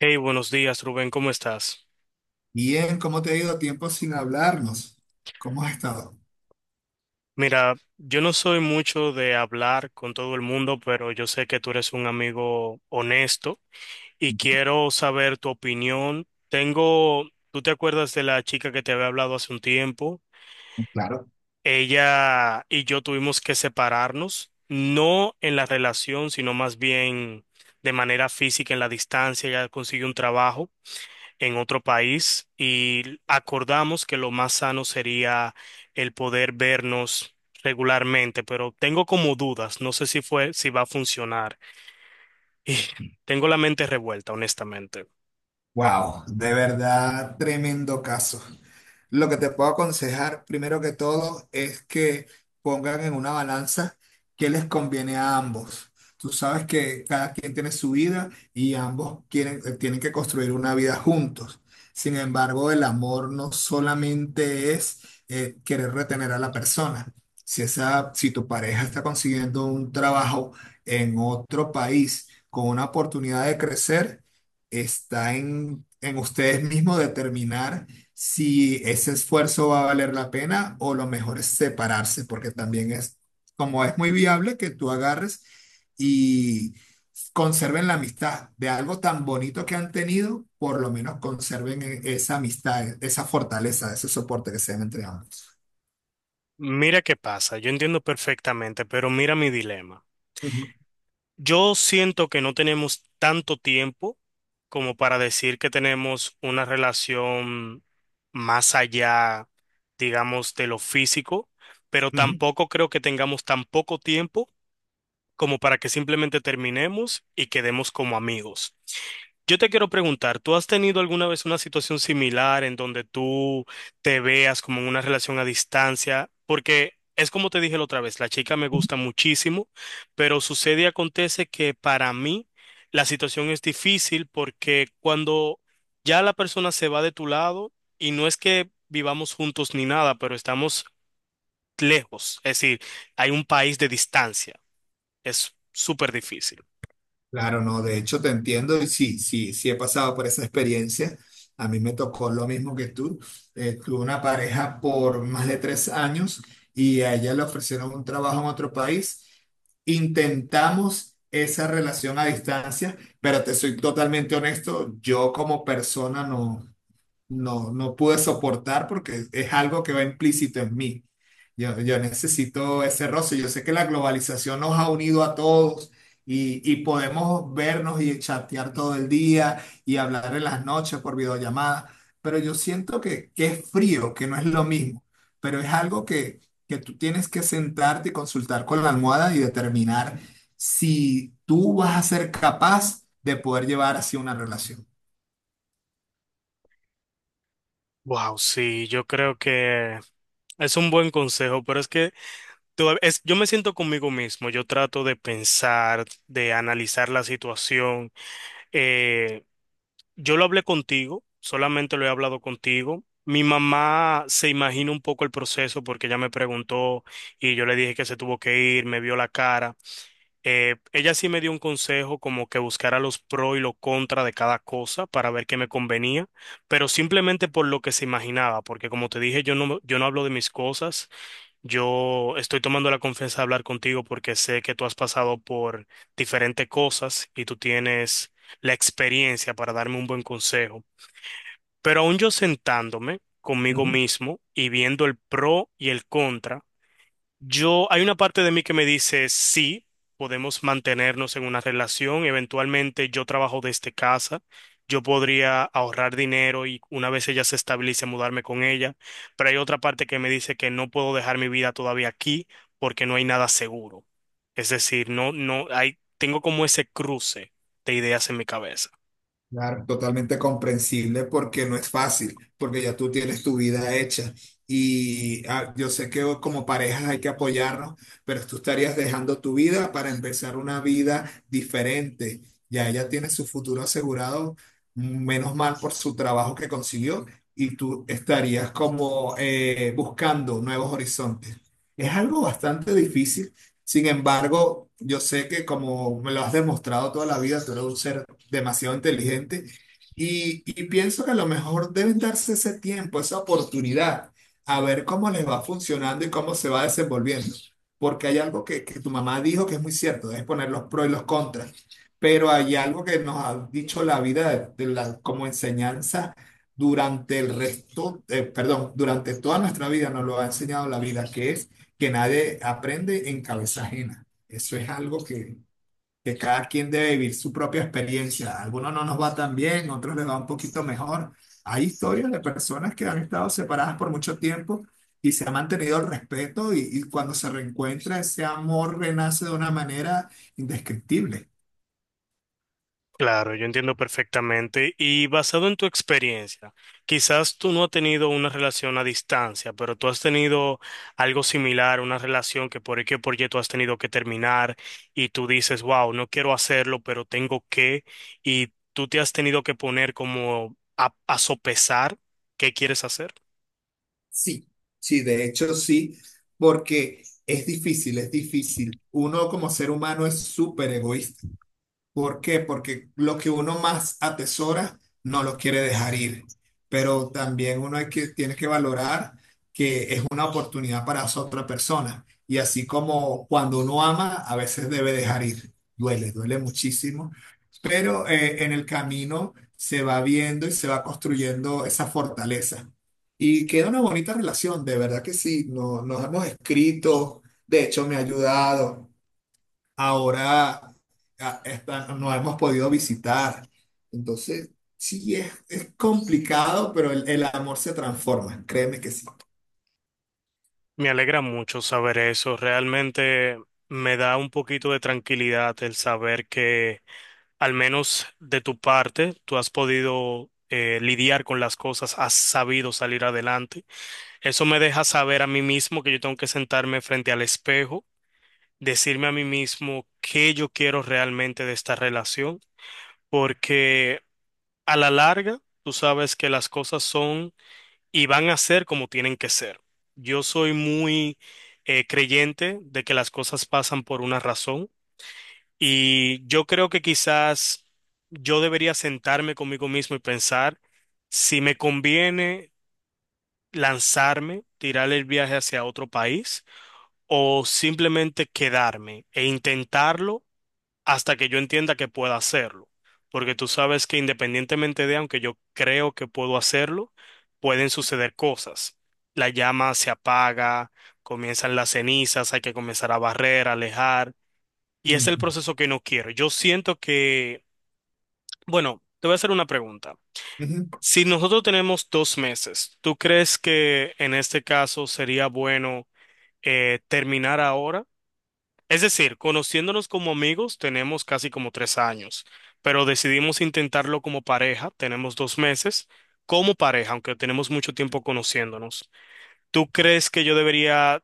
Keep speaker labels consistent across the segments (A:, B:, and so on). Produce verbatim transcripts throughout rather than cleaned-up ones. A: Hey, buenos días, Rubén, ¿cómo estás?
B: Bien, ¿cómo te ha ido tiempo sin hablarnos? ¿Cómo has estado?
A: Mira, yo no soy mucho de hablar con todo el mundo, pero yo sé que tú eres un amigo honesto y quiero saber tu opinión. Tengo, ¿tú te acuerdas de la chica que te había hablado hace un tiempo?
B: Claro.
A: Ella y yo tuvimos que separarnos, no en la relación, sino más bien de manera física, en la distancia, ella consiguió un trabajo en otro país y acordamos que lo más sano sería el poder vernos regularmente, pero tengo como dudas, no sé si fue, si va a funcionar. Y tengo la mente revuelta, honestamente.
B: Wow, de verdad, tremendo caso. Lo que te puedo aconsejar, primero que todo, es que pongan en una balanza qué les conviene a ambos. Tú sabes que cada quien tiene su vida y ambos quieren, eh, tienen que construir una vida juntos. Sin embargo, el amor no solamente es eh, querer retener a la persona. Si esa, si tu pareja está consiguiendo un trabajo en otro país con una oportunidad de crecer, está en, en ustedes mismos determinar si ese esfuerzo va a valer la pena o lo mejor es separarse, porque también es, como es muy viable que tú agarres y conserven la amistad de algo tan bonito que han tenido, por lo menos conserven e- esa amistad, e- esa fortaleza, ese soporte que se dan entre ambos.
A: Mira qué pasa, yo entiendo perfectamente, pero mira mi dilema.
B: Ujú,
A: Yo siento que no tenemos tanto tiempo como para decir que tenemos una relación más allá, digamos, de lo físico, pero
B: ujú.
A: tampoco creo que tengamos tan poco tiempo como para que simplemente terminemos y quedemos como amigos. Yo te quiero preguntar, ¿tú has tenido alguna vez una situación similar en donde tú te veas como en una relación a distancia? Porque es como te dije la otra vez, la chica me gusta muchísimo, pero sucede y acontece que para mí la situación es difícil porque cuando ya la persona se va de tu lado y no es que vivamos juntos ni nada, pero estamos lejos, es decir, hay un país de distancia. Es súper difícil.
B: Claro, no, de hecho te entiendo y sí, sí, sí he pasado por esa experiencia. A mí me tocó lo mismo que tú. Eh, tuve una pareja por más de tres años y a ella le ofrecieron un trabajo en otro país. Intentamos esa relación a distancia, pero te soy totalmente honesto, yo como persona no no, no pude soportar porque es algo que va implícito en mí. Yo, yo necesito ese roce. Yo sé que la globalización nos ha unido a todos y, y podemos vernos y chatear todo el día y hablar en las noches por videollamada, pero yo siento que, que es frío, que no es lo mismo, pero es algo que, que tú tienes que sentarte y consultar con la almohada y determinar si tú vas a ser capaz de poder llevar así una relación.
A: Wow, sí, yo creo que es un buen consejo, pero es que toda- es, yo me siento conmigo mismo, yo trato de pensar, de analizar la situación. Eh, yo lo hablé contigo, solamente lo he hablado contigo. Mi mamá se imagina un poco el proceso porque ella me preguntó y yo le dije que se tuvo que ir, me vio la cara. Eh, ella sí me dio un consejo como que buscara los pro y los contra de cada cosa para ver qué me convenía, pero simplemente por lo que se imaginaba, porque como te dije, yo no, yo no hablo de mis cosas, yo estoy tomando la confianza de hablar contigo porque sé que tú has pasado por diferentes cosas y tú tienes la experiencia para darme un buen consejo. Pero aún yo sentándome conmigo
B: Ujú.
A: mismo y viendo el pro y el contra, yo, hay una parte de mí que me dice, sí, podemos mantenernos en una relación, eventualmente yo trabajo desde casa, yo podría ahorrar dinero y una vez ella se estabilice, mudarme con ella, pero hay otra parte que me dice que no puedo dejar mi vida todavía aquí porque no hay nada seguro. Es decir, no, no, hay, tengo como ese cruce de ideas en mi cabeza.
B: Claro, totalmente comprensible porque no es fácil, porque ya tú tienes tu vida hecha y ah, yo sé que como parejas hay que apoyarnos, pero tú estarías dejando tu vida para empezar una vida diferente. Ya ella tiene su futuro asegurado, menos mal por su trabajo que consiguió y tú estarías como eh, buscando nuevos horizontes. Es algo bastante difícil, sin embargo, yo sé que como me lo has demostrado toda la vida, tú eres un ser demasiado inteligente. Y, y pienso que a lo mejor deben darse ese tiempo, esa oportunidad, a ver cómo les va funcionando y cómo se va desenvolviendo. Porque hay algo que, que tu mamá dijo que es muy cierto, debes poner los pros y los contras. Pero hay algo que nos ha dicho la vida de, de la, como enseñanza durante el resto, eh, perdón, durante toda nuestra vida nos lo ha enseñado la vida, que es que nadie aprende en cabeza ajena. Eso es algo que, que cada quien debe vivir su propia experiencia. A algunos no nos va tan bien, a otros les va un poquito mejor. Hay historias de personas que han estado separadas por mucho tiempo y se ha mantenido el respeto y, y cuando se reencuentra ese amor renace de una manera indescriptible.
A: Claro, yo entiendo perfectamente. Y basado en tu experiencia, quizás tú no has tenido una relación a distancia, pero tú has tenido algo similar, una relación que por qué por Y tú has tenido que terminar y tú dices, wow, no quiero hacerlo, pero tengo que, y tú te has tenido que poner como a, a sopesar qué quieres hacer.
B: Sí, sí, de hecho sí, porque es difícil, es difícil. Uno como ser humano es súper egoísta. ¿Por qué? Porque lo que uno más atesora no lo quiere dejar ir, pero también uno hay que, tiene que valorar que es una oportunidad para esa otra persona. Y así como cuando uno ama, a veces debe dejar ir. Duele, duele muchísimo, pero eh, en el camino se va viendo y se va construyendo esa fortaleza. Y queda una bonita relación, de verdad que sí, no- nos hemos escrito, de hecho me ha ayudado ahora a- está- no hemos podido visitar. Entonces, sí, es, es complicado, pero el, el amor se transforma, créeme que sí.
A: Me alegra mucho saber eso. Realmente me da un poquito de tranquilidad el saber que al menos de tu parte, tú has podido eh, lidiar con las cosas, has sabido salir adelante. Eso me deja saber a mí mismo que yo tengo que sentarme frente al espejo, decirme a mí mismo qué yo quiero realmente de esta relación, porque a la larga tú sabes que las cosas son y van a ser como tienen que ser. Yo soy muy eh, creyente de que las cosas pasan por una razón. Y yo creo que quizás yo debería sentarme conmigo mismo y pensar si me conviene lanzarme, tirar el viaje hacia otro país o simplemente quedarme e intentarlo hasta que yo entienda que pueda hacerlo. Porque tú sabes que independientemente de, aunque yo creo que puedo hacerlo, pueden suceder cosas. La llama se apaga, comienzan las cenizas, hay que comenzar a barrer, a alejar. Y es el
B: Ujú.
A: proceso que no quiero. Yo siento que, bueno, te voy a hacer una pregunta.
B: Ujú.
A: Si nosotros tenemos dos meses, ¿tú crees que en este caso sería bueno eh, terminar ahora? Es decir, conociéndonos como amigos, tenemos casi como tres años, pero decidimos intentarlo como pareja, tenemos dos meses como pareja, aunque tenemos mucho tiempo conociéndonos. ¿Tú crees que yo debería,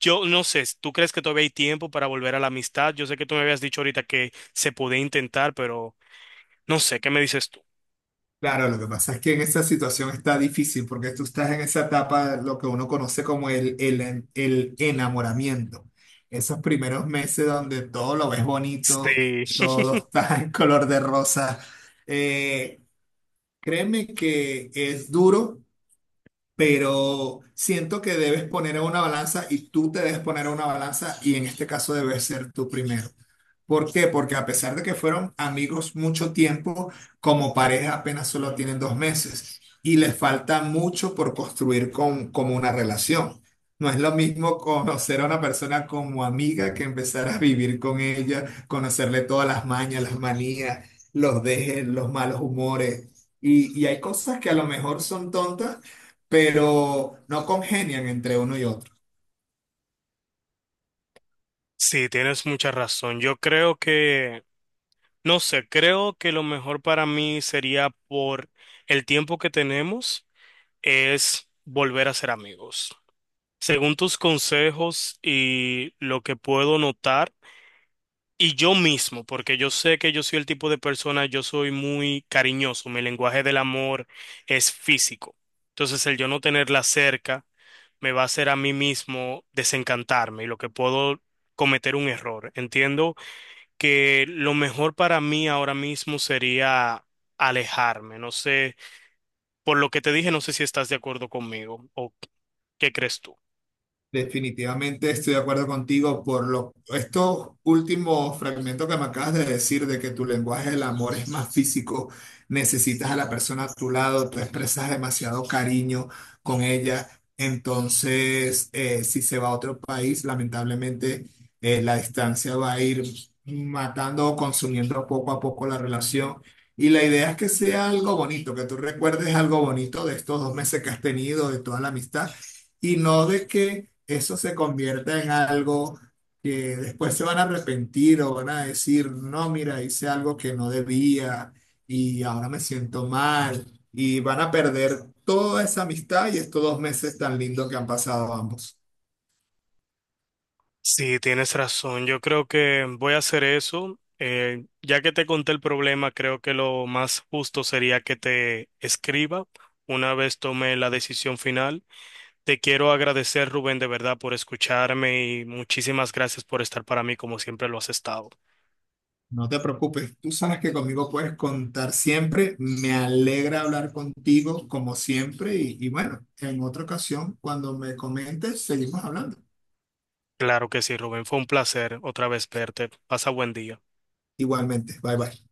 A: yo no sé, tú crees que todavía hay tiempo para volver a la amistad? Yo sé que tú me habías dicho ahorita que se podía intentar, pero... No sé, ¿qué me dices tú?
B: Claro, lo que pasa es que en esa situación está difícil porque tú estás en esa etapa, lo que uno conoce como el, el, el enamoramiento. Esos primeros meses donde todo lo ves bonito,
A: Sí,
B: todo está en color de rosa. Eh, créeme que es duro, pero siento que debes poner a una balanza y tú te debes poner a una balanza y en este caso debes ser tú primero. ¿Por qué? Porque a pesar de que fueron amigos mucho tiempo, como pareja apenas solo tienen dos meses y les falta mucho por construir con, como una relación. No es lo mismo conocer a una persona como amiga que empezar a vivir con ella, conocerle todas las mañas, las manías, los dejes, los malos humores. Y, y hay cosas que a lo mejor son tontas, pero no congenian entre uno y otro.
A: sí, tienes mucha razón. Yo creo que, no sé, Creo que lo mejor para mí sería por el tiempo que tenemos es volver a ser amigos. Según tus consejos y lo que puedo notar, y yo mismo, porque yo sé que yo soy el tipo de persona, yo soy muy cariñoso, mi lenguaje del amor es físico. Entonces, el yo no tenerla cerca me va a hacer a mí mismo desencantarme y lo que puedo cometer un error. Entiendo que lo mejor para mí ahora mismo sería alejarme. No sé, por lo que te dije, no sé si estás de acuerdo conmigo o qué crees tú.
B: Definitivamente estoy de acuerdo contigo por lo, estos últimos fragmentos que me acabas de decir de que tu lenguaje del amor es más físico, necesitas a la persona a tu lado, tú expresas demasiado cariño con ella, entonces eh, si se va a otro país, lamentablemente eh, la distancia va a ir matando o consumiendo poco a poco la relación. Y la idea es que sea algo bonito, que tú recuerdes algo bonito de estos dos meses que has tenido, de toda la amistad, y no de que eso se convierta en algo que después se van a arrepentir o van a decir, no, mira, hice algo que no debía y ahora me siento mal y van a perder toda esa amistad y estos dos meses tan lindos que han pasado ambos.
A: Sí, tienes razón. Yo creo que voy a hacer eso. Eh, ya que te conté el problema, creo que lo más justo sería que te escriba una vez tome la decisión final. Te quiero agradecer, Rubén, de verdad, por escucharme y muchísimas gracias por estar para mí como siempre lo has estado.
B: No te preocupes, tú sabes que conmigo puedes contar siempre. Me alegra hablar contigo como siempre y, y bueno, en otra ocasión, cuando me comentes, seguimos hablando.
A: Claro que sí, Rubén. Fue un placer otra vez verte. Pasa buen día.
B: Igualmente, bye bye.